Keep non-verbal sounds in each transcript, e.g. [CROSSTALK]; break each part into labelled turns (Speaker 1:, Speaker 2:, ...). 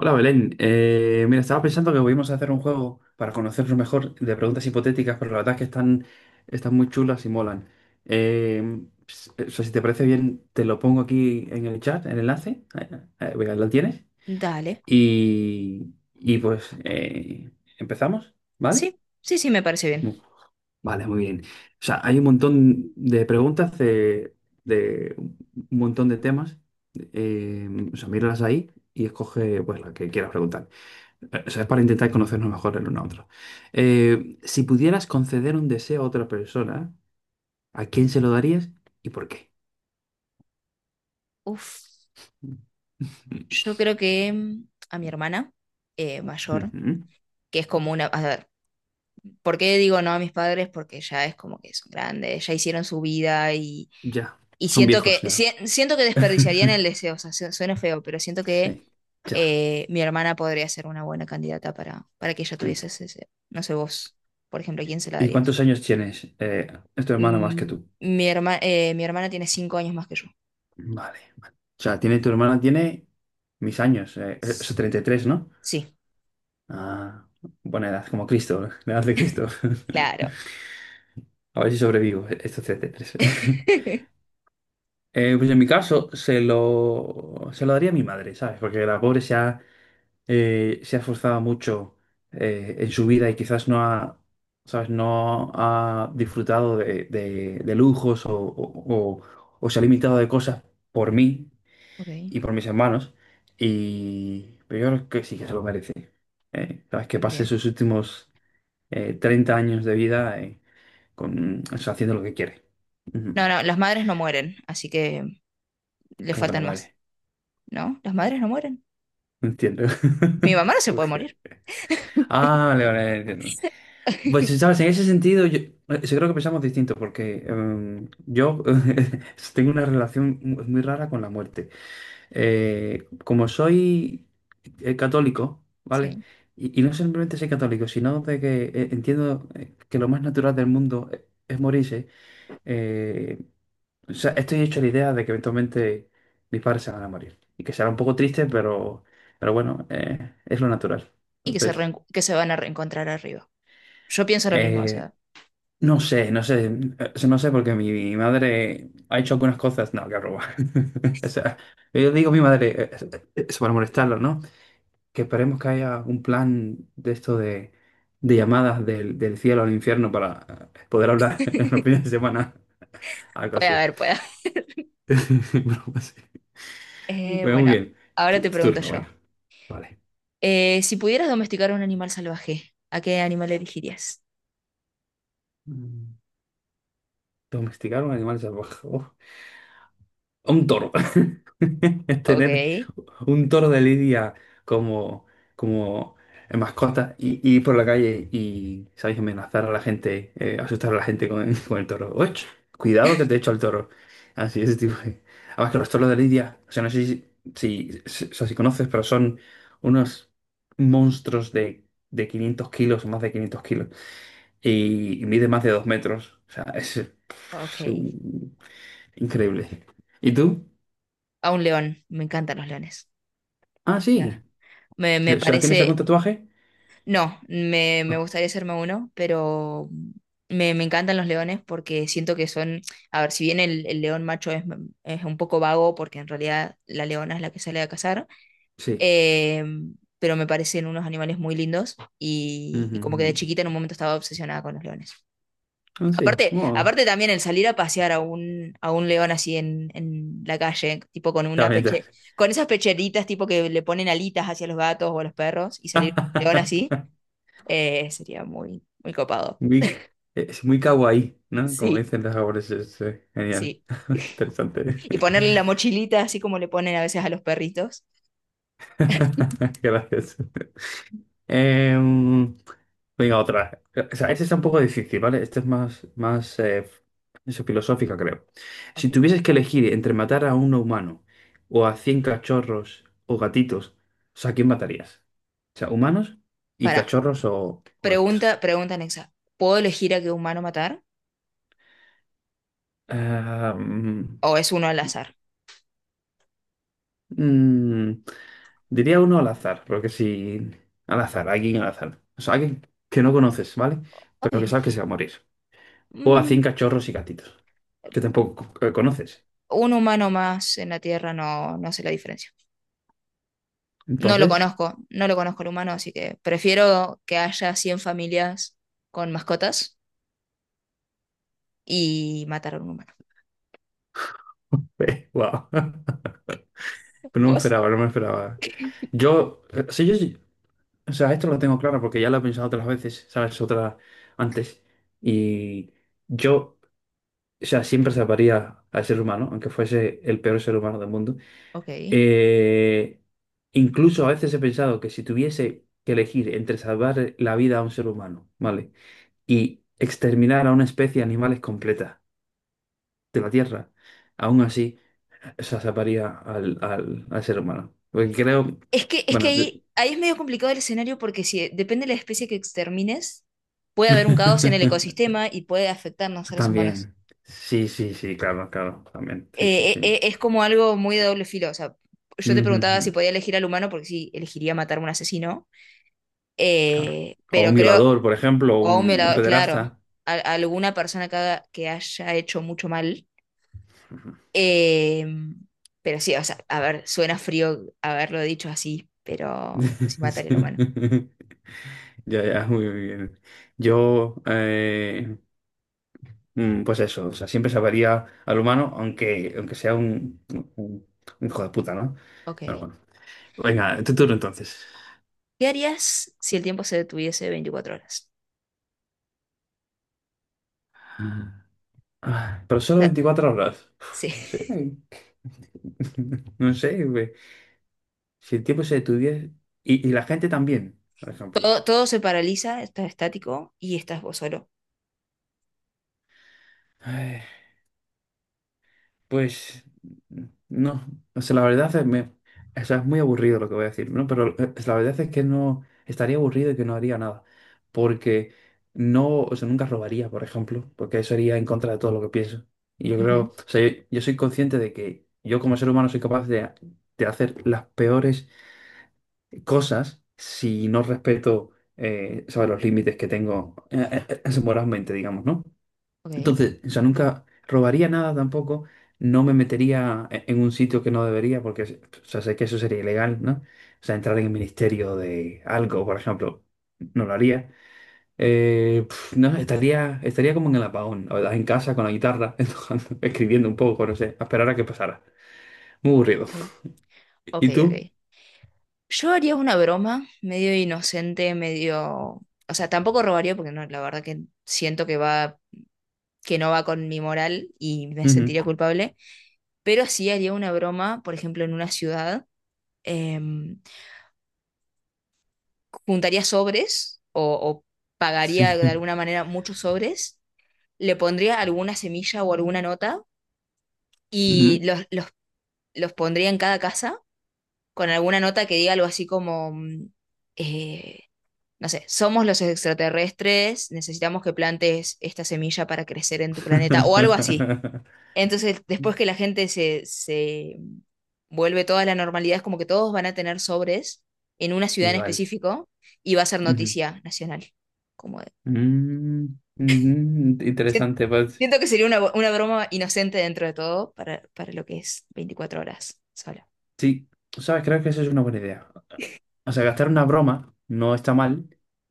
Speaker 1: Hola Belén. Mira, estaba pensando que podíamos hacer un juego para conocernos mejor de preguntas hipotéticas, pero la verdad es que están muy chulas y molan. Eh, o sea, si te parece bien, te lo pongo aquí en el chat, el enlace. Venga, lo tienes.
Speaker 2: Dale.
Speaker 1: Y pues empezamos, ¿vale?
Speaker 2: Sí, sí, sí, me parece bien.
Speaker 1: Mu- Vale, muy bien. O sea, hay un montón de preguntas de un montón de temas. Eh, o sea, míralas ahí y escoge, pues, la que quieras preguntar. O sea, es para intentar conocernos mejor el uno a otro. Si pudieras conceder un deseo a otra persona, ¿a quién se lo darías y por qué?
Speaker 2: Uf, yo
Speaker 1: [LAUGHS]
Speaker 2: creo que a mi hermana mayor,
Speaker 1: Ujú.
Speaker 2: que es como una... A ver, ¿por qué digo no a mis padres? Porque ya es como que son grandes, ya hicieron su vida
Speaker 1: Ya,
Speaker 2: y
Speaker 1: son
Speaker 2: siento
Speaker 1: viejos
Speaker 2: que,
Speaker 1: ya.
Speaker 2: siento que desperdiciarían el
Speaker 1: [LAUGHS]
Speaker 2: deseo, o sea, suena feo, pero siento que
Speaker 1: Sí, ya.
Speaker 2: mi hermana podría ser una buena candidata para que ella
Speaker 1: Mm.
Speaker 2: tuviese ese deseo. No sé vos, por ejemplo, ¿a quién se la
Speaker 1: ¿Y
Speaker 2: darías?
Speaker 1: cuántos años tienes? Es tu hermana más que
Speaker 2: Mm,
Speaker 1: tú.
Speaker 2: mi hermana tiene 5 años más que yo.
Speaker 1: Vale, vale. O sea, tiene tu hermana, tiene mis años, o sea, 33, ¿no?
Speaker 2: Sí,
Speaker 1: Ah, buena edad, como Cristo, la edad de Cristo.
Speaker 2: claro.
Speaker 1: [LAUGHS] A ver si sobrevivo estos 33. [LAUGHS]
Speaker 2: [LAUGHS]
Speaker 1: Pues en mi caso se lo daría a mi madre, ¿sabes? Porque la pobre se ha esforzado mucho en su vida y quizás no ha, ¿sabes?, no ha disfrutado de, de lujos o, o se ha limitado de cosas por mí
Speaker 2: Ok,
Speaker 1: y por mis hermanos. Y pero yo creo que sí que se lo merece. ¿Sabes? Que pase
Speaker 2: bien.
Speaker 1: sus últimos 30 años de vida con, o sea, haciendo lo que quiere. Ujú.
Speaker 2: No, no, las madres no mueren, así que le
Speaker 1: Como que no
Speaker 2: faltan más.
Speaker 1: muere.
Speaker 2: ¿No? ¿Las madres no mueren?
Speaker 1: No entiendo.
Speaker 2: Mi
Speaker 1: [LAUGHS]
Speaker 2: mamá no se puede morir.
Speaker 1: Ok. Ah, vale, vale, entiendo. Pues,
Speaker 2: [LAUGHS]
Speaker 1: ¿sabes? En ese sentido, yo creo que pensamos distinto, porque yo [LAUGHS] tengo una relación muy rara con la muerte. Como soy católico, ¿vale?
Speaker 2: Sí.
Speaker 1: Y no simplemente soy católico, sino de que entiendo que lo más natural del mundo es morirse. eh, o sea, estoy hecho la idea de que eventualmente mis padres se van a morir. Y que será un poco triste, pero bueno, es lo natural.
Speaker 2: Y que se,
Speaker 1: Entonces...
Speaker 2: que se van a reencontrar arriba. Yo pienso lo mismo, o
Speaker 1: Eh,
Speaker 2: sea,
Speaker 1: No sé, no sé, no sé porque mi madre ha hecho algunas cosas, no, que roba. [LAUGHS] O sea, yo digo a mi madre, eso para molestarlo, ¿no? Que esperemos que haya un plan de esto de llamadas del cielo al infierno para poder hablar [LAUGHS] en los fines de semana, algo
Speaker 2: puede
Speaker 1: así.
Speaker 2: haber, puede haber.
Speaker 1: [LAUGHS] Broma así.
Speaker 2: [LAUGHS]
Speaker 1: Bueno, muy
Speaker 2: Bueno,
Speaker 1: bien,
Speaker 2: ahora
Speaker 1: tu,
Speaker 2: te
Speaker 1: tu
Speaker 2: pregunto
Speaker 1: turno, venga,
Speaker 2: yo.
Speaker 1: vale.
Speaker 2: Si pudieras domesticar a un animal salvaje, ¿a qué animal elegirías?
Speaker 1: Mm. Domesticar un animal salvaje. [LAUGHS] Uf. Un toro. [LAUGHS]
Speaker 2: Ok,
Speaker 1: Tener un toro de lidia como, como mascota y ir por la calle y, ¿sabéis? Amenazar a la gente, asustar a la gente con, [LAUGHS] con el toro. ¡Och! Cuidado que te echo al toro. Así, ese tipo de... Además que los toros de lidia, o sea, no sé si, o sea, si conoces, pero son unos monstruos de 500 kilos o más de 500 kilos. Y mide más de 2 metros. O sea, es
Speaker 2: ok.
Speaker 1: un- increíble. ¿Y tú?
Speaker 2: A un león, me encantan los leones.
Speaker 1: Ah,
Speaker 2: O sea,
Speaker 1: sí.
Speaker 2: me
Speaker 1: O sea, ¿tienes algún
Speaker 2: parece.
Speaker 1: tatuaje?
Speaker 2: No, me
Speaker 1: Ah,
Speaker 2: gustaría hacerme uno, pero me encantan los leones porque siento que son, a ver, si bien el león macho es un poco vago porque en realidad la leona es la que sale a cazar,
Speaker 1: sí.
Speaker 2: eh, pero me parecen unos animales muy lindos
Speaker 1: Ujú,
Speaker 2: y como que
Speaker 1: ujú.
Speaker 2: de chiquita en un momento estaba obsesionada con los leones.
Speaker 1: Ah, sí.
Speaker 2: Aparte,
Speaker 1: Oh,
Speaker 2: aparte también el salir a pasear a a un león así en la calle, tipo con
Speaker 1: está
Speaker 2: una
Speaker 1: bien, está
Speaker 2: peche,
Speaker 1: bien.
Speaker 2: con esas pecheritas tipo que le ponen alitas hacia los gatos o a los perros y salir con un león así.
Speaker 1: [LAUGHS]
Speaker 2: Sería muy, muy copado.
Speaker 1: Muy- es muy kawaii, ¿no? Como
Speaker 2: Sí.
Speaker 1: dicen los japoneses. Es genial.
Speaker 2: Sí.
Speaker 1: [LAUGHS] Interesante.
Speaker 2: Y ponerle la mochilita así como le ponen a veces a los perritos.
Speaker 1: [LAUGHS] Gracias. Em, Venga, otra. O sea, esta está un poco difícil, ¿vale? Esta es más eso, filosófica, creo. Si
Speaker 2: Ok.
Speaker 1: tuvieses que elegir entre matar a un humano o a 100 cachorros o gatitos, o sea, ¿a quién matarías? O sea, humanos y
Speaker 2: Pará.
Speaker 1: cachorros o
Speaker 2: Pregunta,
Speaker 1: gatitos.
Speaker 2: pregunta anexa. ¿Puedo elegir a qué humano matar?
Speaker 1: Ah,
Speaker 2: ¿O es uno al azar?
Speaker 1: mm, diría uno al azar, porque si... Al azar, alguien al azar. O sea, alguien que no conoces, ¿vale? Pero que sabes
Speaker 2: Ok.
Speaker 1: que se va a morir. O a
Speaker 2: Mm,
Speaker 1: 100 cachorros y gatitos, que tampoco conoces.
Speaker 2: un humano más en la Tierra no, no sé la diferencia. No lo
Speaker 1: Entonces...
Speaker 2: conozco, no lo conozco el humano, así que prefiero que haya 100 familias con mascotas y matar a un humano.
Speaker 1: Ve, wow. [LAUGHS] Pero no me
Speaker 2: ¿Vos?
Speaker 1: esperaba, no me esperaba. Yo, sí, o sea, esto lo tengo claro porque ya lo he pensado otras veces, ¿sabes? Otras antes. Y yo, o sea, siempre salvaría al ser humano, aunque fuese el peor ser humano del mundo.
Speaker 2: Ok.
Speaker 1: Eh, Incluso a veces he pensado que si tuviese que elegir entre salvar la vida a un ser humano, ¿vale? Y exterminar a una especie de animales completa de la Tierra, aún así. Sea, salvaría al ser humano. Porque creo,
Speaker 2: Es que
Speaker 1: bueno,
Speaker 2: ahí, ahí es medio complicado el escenario porque si depende de la especie que extermines, puede haber un caos en el
Speaker 1: [LAUGHS]
Speaker 2: ecosistema y puede afectarnos a los seres humanos.
Speaker 1: también. Sí, sí, sí, claro, claro, también. Sí, sí, sí.
Speaker 2: Es como algo muy de doble filo. O sea, yo te
Speaker 1: Ujú,
Speaker 2: preguntaba
Speaker 1: ujú,
Speaker 2: si podía elegir al humano porque sí, elegiría matar a un asesino.
Speaker 1: claro. O
Speaker 2: Pero
Speaker 1: un
Speaker 2: creo,
Speaker 1: violador, por ejemplo, o
Speaker 2: o a un
Speaker 1: un
Speaker 2: violador, claro,
Speaker 1: pederasta.
Speaker 2: a alguna persona que, que haya hecho mucho mal.
Speaker 1: Ujú. [LAUGHS]
Speaker 2: Eh, pero sí, o sea, a ver, suena frío haberlo dicho así, pero sí
Speaker 1: Sí.
Speaker 2: mataría al humano.
Speaker 1: Ya, ya, muy bien. Yo, pues eso, o sea, siempre salvaría al humano, aunque sea un, un, un hijo de puta, ¿no? Pero
Speaker 2: Ok.
Speaker 1: bueno. Venga, tu turno entonces.
Speaker 2: ¿Qué harías si el tiempo se detuviese 24 horas?
Speaker 1: Ah, pero
Speaker 2: O
Speaker 1: solo
Speaker 2: sea,
Speaker 1: 24 horas. Uf,
Speaker 2: sí.
Speaker 1: no sé.
Speaker 2: [LAUGHS]
Speaker 1: [LAUGHS] No sé, güey. Si el tiempo se detuviera. Y la gente también, por ejemplo.
Speaker 2: Todo, todo se paraliza, estás estático y estás vos solo.
Speaker 1: Ay, pues. No. O sea, la verdad es, o sea, es muy aburrido lo que voy a decir, ¿no? Pero la verdad es que no. Estaría aburrido y que no haría nada. Porque no. O sea, nunca robaría, por ejemplo. Porque eso iría en contra de todo lo que pienso. Y yo creo.
Speaker 2: Ujú.
Speaker 1: O sea, yo, soy consciente de que yo como ser humano soy capaz de hacer las peores cosas si no respeto, ¿sabes? Los límites que tengo moralmente, digamos, ¿no?
Speaker 2: Ok,
Speaker 1: Entonces, o sea, nunca robaría nada tampoco, no me metería en un sitio que no debería, porque, o sea, sé que eso sería ilegal, ¿no? O sea, entrar en el ministerio de algo, por ejemplo, no lo haría. No, estaría como en el apagón, la verdad, en casa con la guitarra, [LAUGHS] tocando, escribiendo un poco, no sé, a esperar a que pasara. Muy aburrido.
Speaker 2: ok, ok,
Speaker 1: ¿Y tú?
Speaker 2: ok. Yo haría una broma medio inocente, medio... O sea, tampoco robaría porque no, la verdad que siento que va, que no va con mi moral y me
Speaker 1: Ujú.
Speaker 2: sentiría culpable. Pero sí haría una broma, por ejemplo, en una ciudad. em, juntaría sobres o
Speaker 1: Sí.
Speaker 2: pagaría de
Speaker 1: [LAUGHS]
Speaker 2: alguna manera muchos sobres, le pondría alguna semilla o alguna nota y
Speaker 1: Ujú.
Speaker 2: los pondría en cada casa con alguna nota que diga algo así como, eh, no sé, somos los extraterrestres, necesitamos que plantes esta semilla para crecer en tu planeta o algo así.
Speaker 1: [LAUGHS]
Speaker 2: Entonces, después que la gente se, se vuelve toda la normalidad, es como que todos van a tener sobres en una ciudad en
Speaker 1: Igual.
Speaker 2: específico y va a ser
Speaker 1: Ujú.
Speaker 2: noticia nacional, como de...
Speaker 1: Mm,
Speaker 2: Sien-
Speaker 1: Interesante, pues.
Speaker 2: Siento que sería una, una broma inocente dentro de todo para lo que es 24 horas sola.
Speaker 1: Sí, sabes, creo que eso es una buena idea. O sea, gastar una broma no está mal.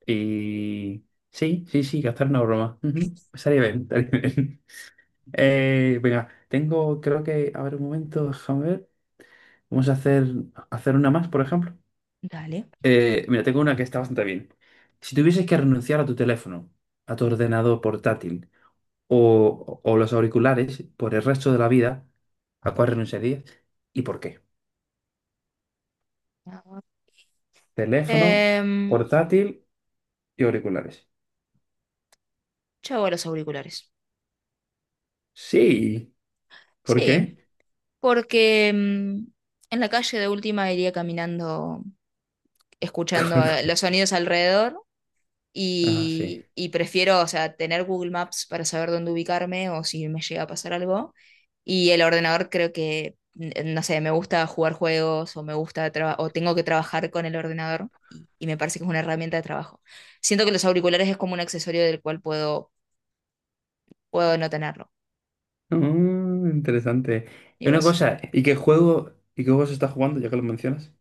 Speaker 1: Y sí, sí, sí, gastar una broma. Ujú. Estaría bien, estaría bien. [LAUGHS] Venga, tengo, creo que, a ver un momento, déjame ver. Vamos a hacer una más, por ejemplo.
Speaker 2: Dale.
Speaker 1: Mira, tengo una que está bastante bien. Si tuvieses que renunciar a tu teléfono, a tu ordenador portátil, o los auriculares por el resto de la vida, ¿a cuál renunciarías y por qué? Teléfono,
Speaker 2: Eh,
Speaker 1: portátil y auriculares.
Speaker 2: yo hago los auriculares.
Speaker 1: Sí, ¿por
Speaker 2: Sí,
Speaker 1: qué?
Speaker 2: porque en la calle de última iría caminando, escuchando
Speaker 1: [LAUGHS]
Speaker 2: los sonidos alrededor
Speaker 1: Ah, sí.
Speaker 2: y prefiero, o sea, tener Google Maps para saber dónde ubicarme o si me llega a pasar algo. Y el ordenador creo que, no sé, me gusta jugar juegos o me gusta o tengo que trabajar con el ordenador y me parece que es una herramienta de trabajo. Siento que los auriculares es como un accesorio del cual puedo, puedo no tenerlo.
Speaker 1: Mm, interesante.
Speaker 2: ¿Y
Speaker 1: Y una
Speaker 2: vos?
Speaker 1: cosa, ¿y qué juego se está jugando, ya que lo mencionas?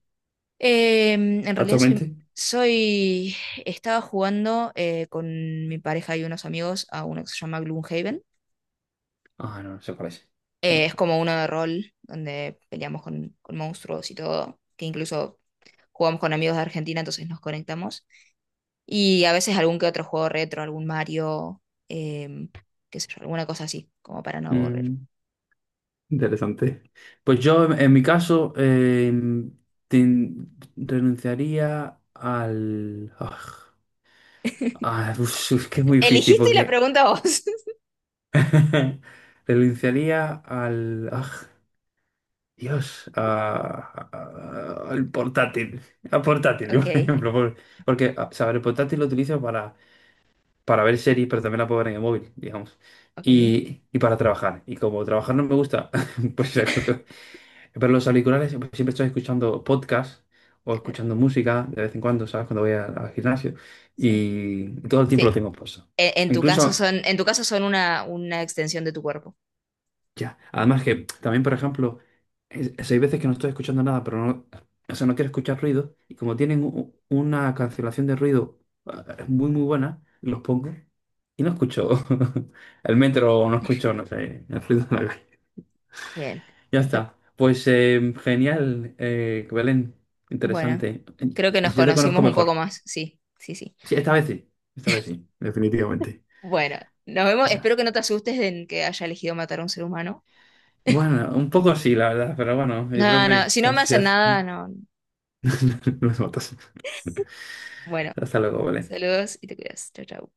Speaker 2: En realidad
Speaker 1: ¿Actualmente?
Speaker 2: estaba jugando con mi pareja y unos amigos a uno que se llama Gloomhaven.
Speaker 1: Ah, no, no sé cuál es. No.
Speaker 2: Es como uno de rol, donde peleamos con monstruos y todo, que incluso jugamos con amigos de Argentina, entonces nos conectamos. Y a veces algún que otro juego retro, algún Mario, em, qué sé yo, alguna cosa así, como para no aburrir.
Speaker 1: Mm, interesante. Pues yo, en mi caso, renunciaría al... [LAUGHS] pues, es que es muy difícil
Speaker 2: Eligiste la
Speaker 1: porque
Speaker 2: pregunta vos. [LAUGHS]
Speaker 1: [LAUGHS] renunciaría al... Dios, al portátil. Al portátil, [LAUGHS]
Speaker 2: Ok,
Speaker 1: por ejemplo. Porque, o sea, el portátil lo utilizo para ver series, pero también la puedo ver en el móvil, digamos.
Speaker 2: ok,
Speaker 1: Y para trabajar. Y como trabajar no me gusta, [LAUGHS] pues pero los auriculares siempre siempre estoy escuchando podcasts o
Speaker 2: claro,
Speaker 1: escuchando música de vez en cuando, ¿sabes? Cuando voy al gimnasio.
Speaker 2: sí.
Speaker 1: Y todo el tiempo lo
Speaker 2: Sí,
Speaker 1: tengo puesto.
Speaker 2: tu caso
Speaker 1: Incluso.
Speaker 2: son, en tu caso son una extensión de tu cuerpo.
Speaker 1: Ya. Además que también, por ejemplo, hay veces que no estoy escuchando nada, pero no, o sea, no quiero escuchar ruido. Y como tienen una cancelación de ruido muy, muy buena, los pongo y no escucho [LAUGHS] el metro o no escucho, no sé, el ruido de la calle.
Speaker 2: Bien.
Speaker 1: Ya
Speaker 2: Está-
Speaker 1: está. Pues genial, Belén.
Speaker 2: Bueno,
Speaker 1: Interesante.
Speaker 2: creo que nos
Speaker 1: Ya te conozco
Speaker 2: conocimos un poco
Speaker 1: mejor.
Speaker 2: más, sí, sí, sí.
Speaker 1: Sí, esta vez sí. Esta vez sí, definitivamente.
Speaker 2: Bueno, nos vemos. Espero
Speaker 1: Bueno.
Speaker 2: que no te asustes de que haya elegido matar a un ser humano.
Speaker 1: Bueno, un poco sí, la verdad, pero bueno, yo creo
Speaker 2: No, no,
Speaker 1: que,
Speaker 2: si no
Speaker 1: la
Speaker 2: me hacen
Speaker 1: sociedad
Speaker 2: nada, no.
Speaker 1: [LAUGHS] nos matas.
Speaker 2: Bueno,
Speaker 1: Hasta luego, Belén.
Speaker 2: saludos y te cuidas. Chao, chao.